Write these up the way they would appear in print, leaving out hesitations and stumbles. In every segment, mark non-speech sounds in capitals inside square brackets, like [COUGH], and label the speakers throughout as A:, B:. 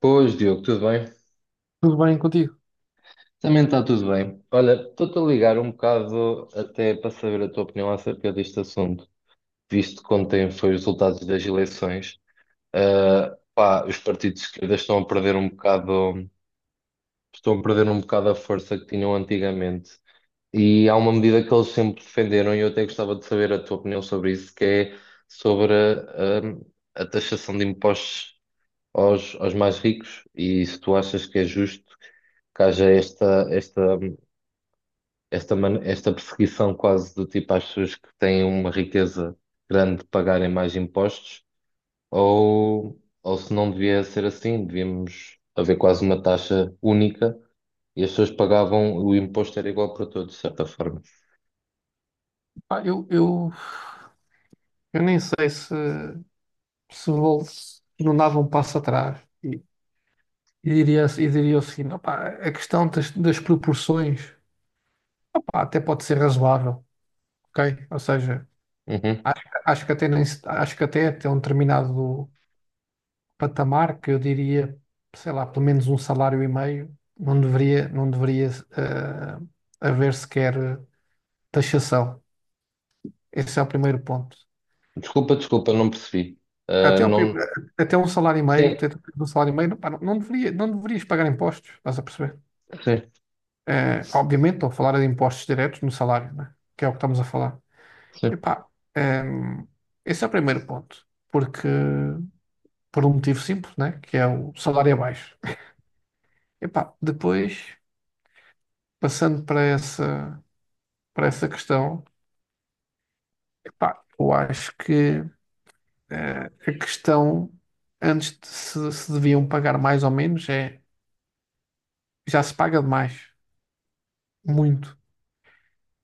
A: Pois, Diogo, tudo bem?
B: Tudo bem contigo?
A: Também está tudo bem. Olha, estou-te a ligar um bocado até para saber a tua opinião acerca deste assunto, visto que ontem foi os resultados das eleições. Pá, os partidos de esquerda estão a perder um bocado, estão a perder um bocado a força que tinham antigamente. E há uma medida que eles sempre defenderam, e eu até gostava de saber a tua opinião sobre isso, que é sobre a taxação de impostos aos mais ricos e se tu achas que é justo que haja esta perseguição quase do tipo às pessoas que têm uma riqueza grande de pagarem mais impostos, ou se não devia ser assim, devíamos haver quase uma taxa única e as pessoas pagavam, o imposto era igual para todos, de certa forma.
B: Pá, eu nem sei se se não dava um passo atrás e, e diria o seguinte: opá, a questão das proporções, opá, até pode ser razoável, ok? Ou seja,
A: Uhum.
B: acho que até nem, se- acho que até um determinado patamar que eu diria, sei lá, pelo menos um salário e meio, não deveria eh, haver sequer taxação. Esse é o primeiro ponto.
A: Desculpa, desculpa, não percebi. Ah,
B: Até, o, pri-
A: não...
B: até um salário e meio,
A: Sim,
B: até um salário e meio, não, pá, não deveria, não deverias pagar impostos, estás a perceber?
A: sim,
B: Obviamente, estou a falar de impostos diretos no salário, né? Que é o que estamos a falar.
A: sim,
B: Epá, ehm, esse é o primeiro ponto, porque por um motivo simples, né? Que é o salário é baixo. Epá, depois, passando para para essa questão, epá, eu acho que a questão, antes de se deviam pagar mais ou menos, é já se paga demais, muito.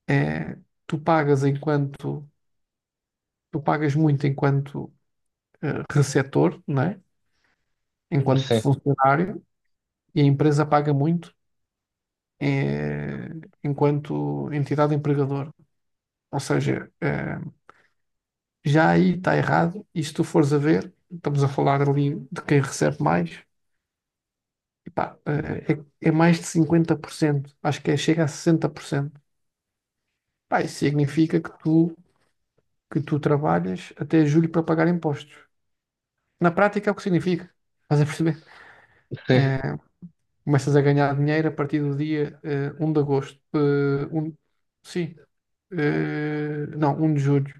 B: É, tu pagas enquanto, tu pagas muito enquanto receptor, né? Enquanto
A: sim,
B: funcionário, e a empresa paga muito eh, enquanto entidade empregadora. Ou seja, já aí está errado, e se tu fores a ver, estamos a falar ali de quem recebe mais, epá, é mais de 50%. Acho que é, chega a 60%. Pá, isso significa que tu trabalhas até julho para pagar impostos. Na prática é o que significa. Estás a perceber?
A: sim,
B: Eh, Começas a ganhar dinheiro a partir do dia 1 de agosto. Um, sim. Não, 1 de julho.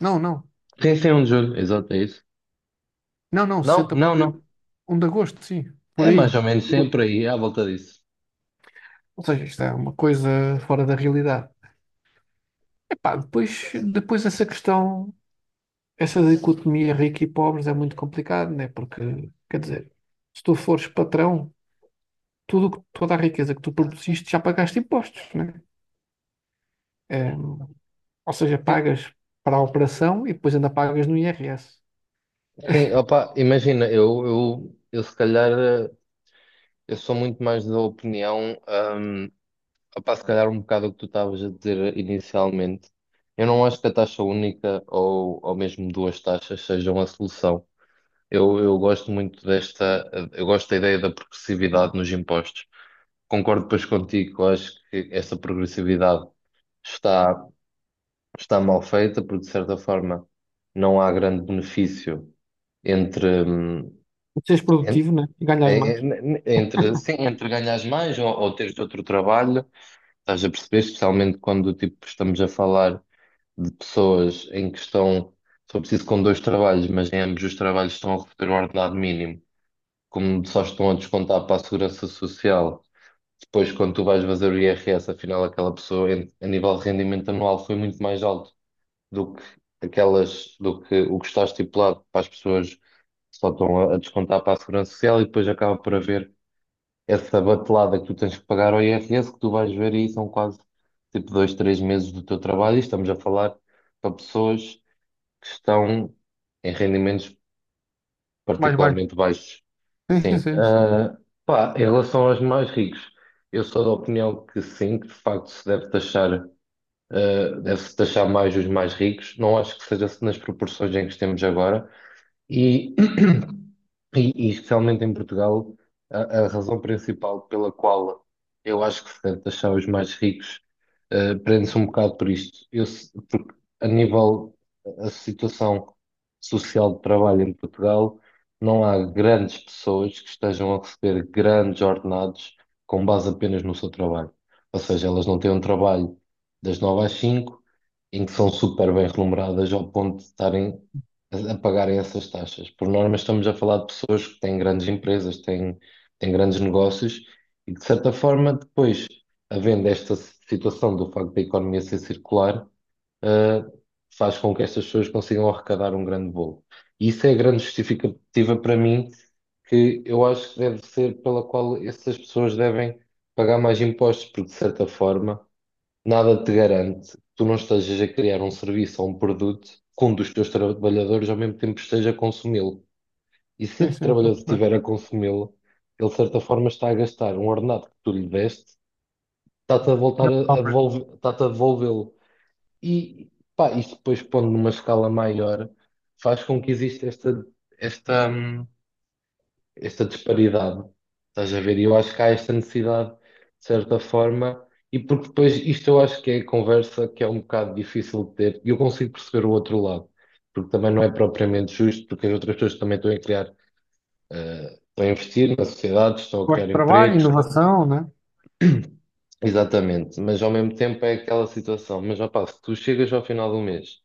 B: Não, não.
A: sim, sim, é um juro, exato, é isso.
B: Não, não,
A: Não,
B: sessenta por
A: não,
B: cento
A: não.
B: 1 de agosto, sim. Por
A: É mais
B: aí.
A: ou menos sempre aí, à volta disso.
B: Ou seja, isto é uma coisa fora da realidade. Epá, depois essa questão, essa dicotomia rica e pobres é muito complicado, né? Porque, quer dizer, se tu fores patrão, tudo, toda a riqueza que tu produziste já pagaste impostos, né? É. Ou seja,
A: Sim,
B: pagas para a operação e depois ainda pagas no IRS.
A: sim, opa, imagina, eu se calhar, eu sou muito mais da opinião, hum, opa, se calhar um bocado o que tu estavas a dizer inicialmente. Eu não acho que a taxa única ou mesmo duas taxas sejam a solução. Eu gosto muito desta, eu gosto da ideia da progressividade nos impostos. Concordo depois contigo, eu acho que essa progressividade está. Está mal feita, porque de certa forma não há grande benefício entre, hum,
B: E seres
A: en-
B: produtivo, né? E ganhas mais.
A: entre, sim, entre ganhares mais ou teres outro trabalho. Estás a perceber, especialmente quando tipo, estamos a falar de pessoas em que estão, só preciso com dois trabalhos, mas em ambos os trabalhos estão a receber um ordenado mínimo, como só estão a descontar para a Segurança Social. Depois, quando tu vais fazer o IRS, afinal, a nível de rendimento anual, foi muito mais alto do que aquelas, do que o que está estipulado para as pessoas que só estão a descontar para a Segurança Social e depois acaba por haver essa batelada que tu tens que pagar ao IRS, que tu vais ver e são quase tipo dois, três meses do teu trabalho e estamos a falar para pessoas que estão em rendimentos
B: Mais bem.
A: particularmente baixos.
B: Sim,
A: Sim.
B: sim, sim.
A: Ah, pá, em relação aos mais ricos, eu sou da opinião que sim, que de facto se deve taxar. Deve-se taxar mais os mais ricos. Não acho que seja nas proporções em que estamos agora, e, [CLEARS THROAT] e especialmente em Portugal, a razão principal pela qual eu acho que se deve taxar os mais ricos, prende-se um bocado por isto. Eu, se- Porque a nível, a situação social de trabalho em Portugal, não há grandes pessoas que estejam a receber grandes ordenados com base apenas no seu trabalho. Ou seja, elas não têm um trabalho das nove às cinco, em que são super bem remuneradas ao ponto de estarem a pagarem essas taxas. Por norma, estamos a falar de pessoas que têm grandes empresas, têm grandes negócios e que, de certa forma, depois, havendo esta situação do facto da economia ser circular, eh, faz com que estas pessoas consigam arrecadar um grande bolo. E isso é a grande justificativa para mim, que eu acho que deve ser pela qual essas pessoas devem pagar mais impostos, porque, de certa forma. Nada te garante que tu não estejas a criar um serviço ou um produto que um dos teus trabalhadores ao mesmo tempo esteja a consumi-lo. E se
B: Sim,
A: esse
B: sim, estou a
A: trabalhador
B: perceber.
A: estiver a consumi-lo, ele de certa forma está a gastar um ordenado que tu lhe deste, está-te a voltar
B: Grande
A: a
B: compra.
A: devolver, está-te a devolvê-lo. E pá, isto depois pondo numa escala maior, faz com que exista esta, hum, esta disparidade. Estás a ver? E eu acho que há esta necessidade, de certa forma, e porque depois isto eu acho que é a conversa que é um bocado difícil de ter, e eu consigo perceber o outro lado, porque também não é propriamente justo, porque as outras pessoas também estão a criar, estão a investir na sociedade, estão a
B: Gosto
A: criar
B: de trabalho,
A: empregos, estão-
B: inovação, né?
A: exatamente, mas ao mesmo tempo é aquela situação, mas opá, se tu chegas ao final do mês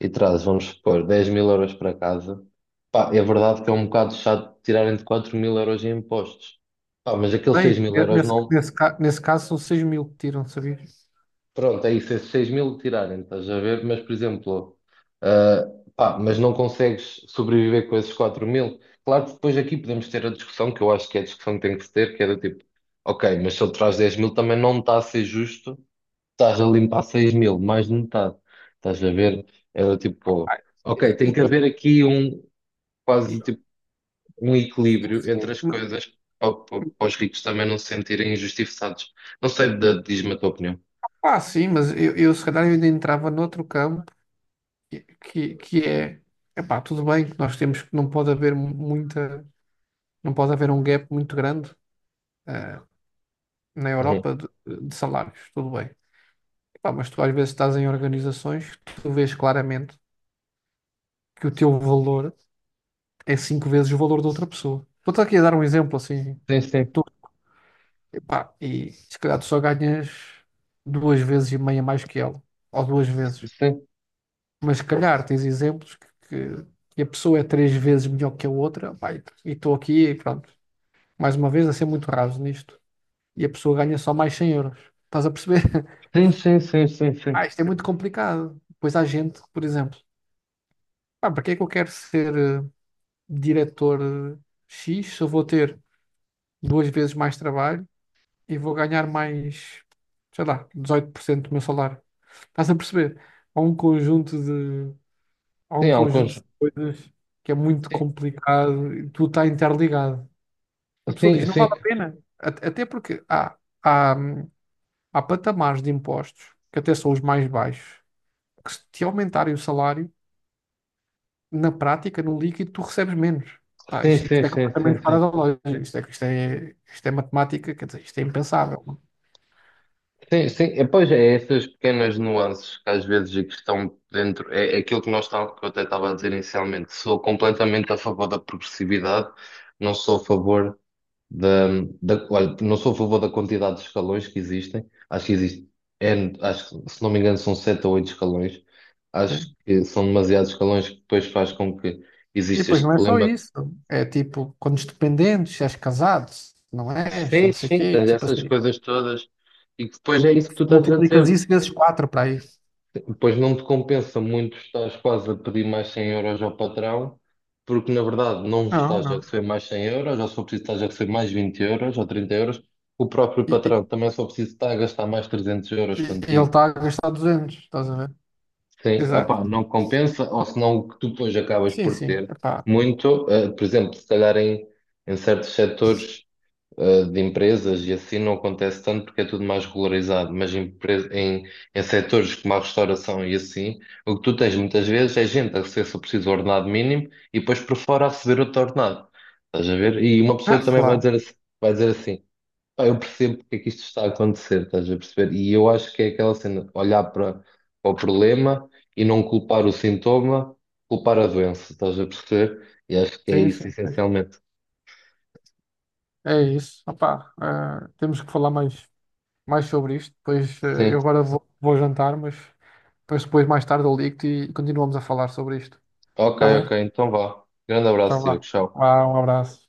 A: e trazes, vamos supor, 10 000€ para casa, pá, é verdade que é um bocado chato tirarem de 4 000€ em impostos. Pá, mas aqueles seis
B: Bem,
A: mil euros não.
B: nesse caso são 6.000 que tiram, sabias?
A: Pronto, é isso, esses 6 mil tirarem, estás a ver? Mas, por exemplo, ah, pá, mas não consegues sobreviver com esses 4 000. Claro que depois aqui podemos ter a discussão, que eu acho que é a discussão que tem que se ter, que é do tipo, ok, mas se ele traz 10 000 também não está a ser justo, estás a limpar 6 000, mais de metade. Estás a ver? Era tipo,
B: Ah,
A: ok,
B: e-
A: tem que
B: e-
A: haver aqui um.
B: e-
A: Quase tipo um
B: sim,
A: equilíbrio entre as
B: sim.
A: coisas para, para os ricos também não se sentirem injustiçados. Não sei, diz-me a tua opinião.
B: Ah, sim, mas eu se calhar eu ainda entrava noutro campo que é, epá, tudo bem que nós temos que não pode haver um gap muito grande. eh, Na
A: Uhum.
B: Europa de salários, tudo bem. Pá, mas tu às vezes estás em organizações que tu vês claramente que o teu valor é cinco vezes o valor da outra pessoa. Estou-te aqui a dar um exemplo assim.
A: Sim, sim,
B: Tu, epá, e se calhar tu só ganhas duas vezes e meia mais que ela, ou duas vezes.
A: sim,
B: Mas se calhar tens exemplos que a pessoa é três vezes melhor que a outra, pá, e estou aqui e pronto. Mais uma vez a ser muito raso nisto. E a pessoa ganha só mais 100 euros. Estás a perceber? [LAUGHS]
A: sim, sim, sim, sim, sim,
B: Ah, isto é muito complicado. Pois há gente que, por exemplo, para que é que eu quero ser eh, diretor X se eu vou ter duas vezes mais trabalho e vou ganhar mais, sei lá, 18% do meu salário? Estás a perceber? Há um conjunto de, há
A: sim,
B: um
A: há um
B: conjunto de
A: conjunto.
B: coisas que é muito
A: Sim,
B: complicado e tudo está interligado. A pessoa
A: sim,
B: diz, não vale
A: sim,
B: a pena. Até porque há, há, há patamares de impostos que até são os mais baixos, que se te aumentarem o salário na prática, no líquido, tu recebes menos. Pá,
A: sim,
B: isto,
A: sim,
B: isto é
A: sim, sim,
B: completamente fora
A: sim.
B: da lógica. Isto é matemática, quer dizer, isto é impensável.
A: Sim, sim, é, pois é, é essas pequenas nuances que às vezes e que estão dentro, é aquilo que que eu até estava a dizer inicialmente, sou completamente a favor da progressividade, não sou a favor da, olha, não sou a favor da quantidade de escalões que existem, acho que existe, N, acho que, se não me engano são 7 ou 8 escalões, acho
B: Sim.
A: que são demasiados escalões que depois faz com que
B: E
A: exista
B: depois
A: este
B: não é só
A: problema.
B: isso. É tipo, quando és dependente, se és casado, se não és,
A: Sim,
B: não sei o
A: sim,
B: quê.
A: tens
B: Tipo
A: essas
B: assim,
A: coisas todas, e que depois é isso que tu estás a
B: multiplicas
A: dizer.
B: isso vezes 4 para aí.
A: Depois não te compensa muito estás quase a pedir mais 100€ ao patrão, porque na verdade não
B: Não,
A: estás a
B: não.
A: receber mais 100€, ou só preciso estás a receber mais 20€ ou 30€. O próprio
B: E,
A: patrão também só precisa estar a gastar mais 300€
B: e- e ele
A: contigo.
B: está a gastar 200, estás a ver?
A: Sim,
B: Exato.
A: opá, não compensa, ou senão o que tu depois acabas
B: Sim,
A: por
B: sim.
A: ter
B: Epá.
A: muito, por exemplo, se calhar em certos setores de empresas e assim não acontece tanto porque é tudo mais regularizado, mas em setores como a restauração e assim, o que tu tens muitas vezes é gente a receber só preciso o ordenado mínimo e depois por fora a receber outro ordenado. Estás a ver? E uma
B: Ah,
A: pessoa também
B: claro.
A: vai dizer assim, pá, eu percebo porque é que isto está a acontecer, estás a perceber? E eu acho que é aquela cena, olhar para, para o problema e não culpar o sintoma, culpar a doença, estás a perceber? E acho que é
B: Sim,
A: isso
B: sim.
A: essencialmente.
B: É isso. Opá, temos que falar mais, sobre isto. Depois,
A: Sim.
B: eu agora vou jantar, mas depois mais tarde eu ligo-te e continuamos a falar sobre isto.
A: Ok,
B: Está bem?
A: ok, então vá. Grande abraço,
B: Então
A: Diogo.
B: vá.
A: Tchau.
B: Vá, um abraço.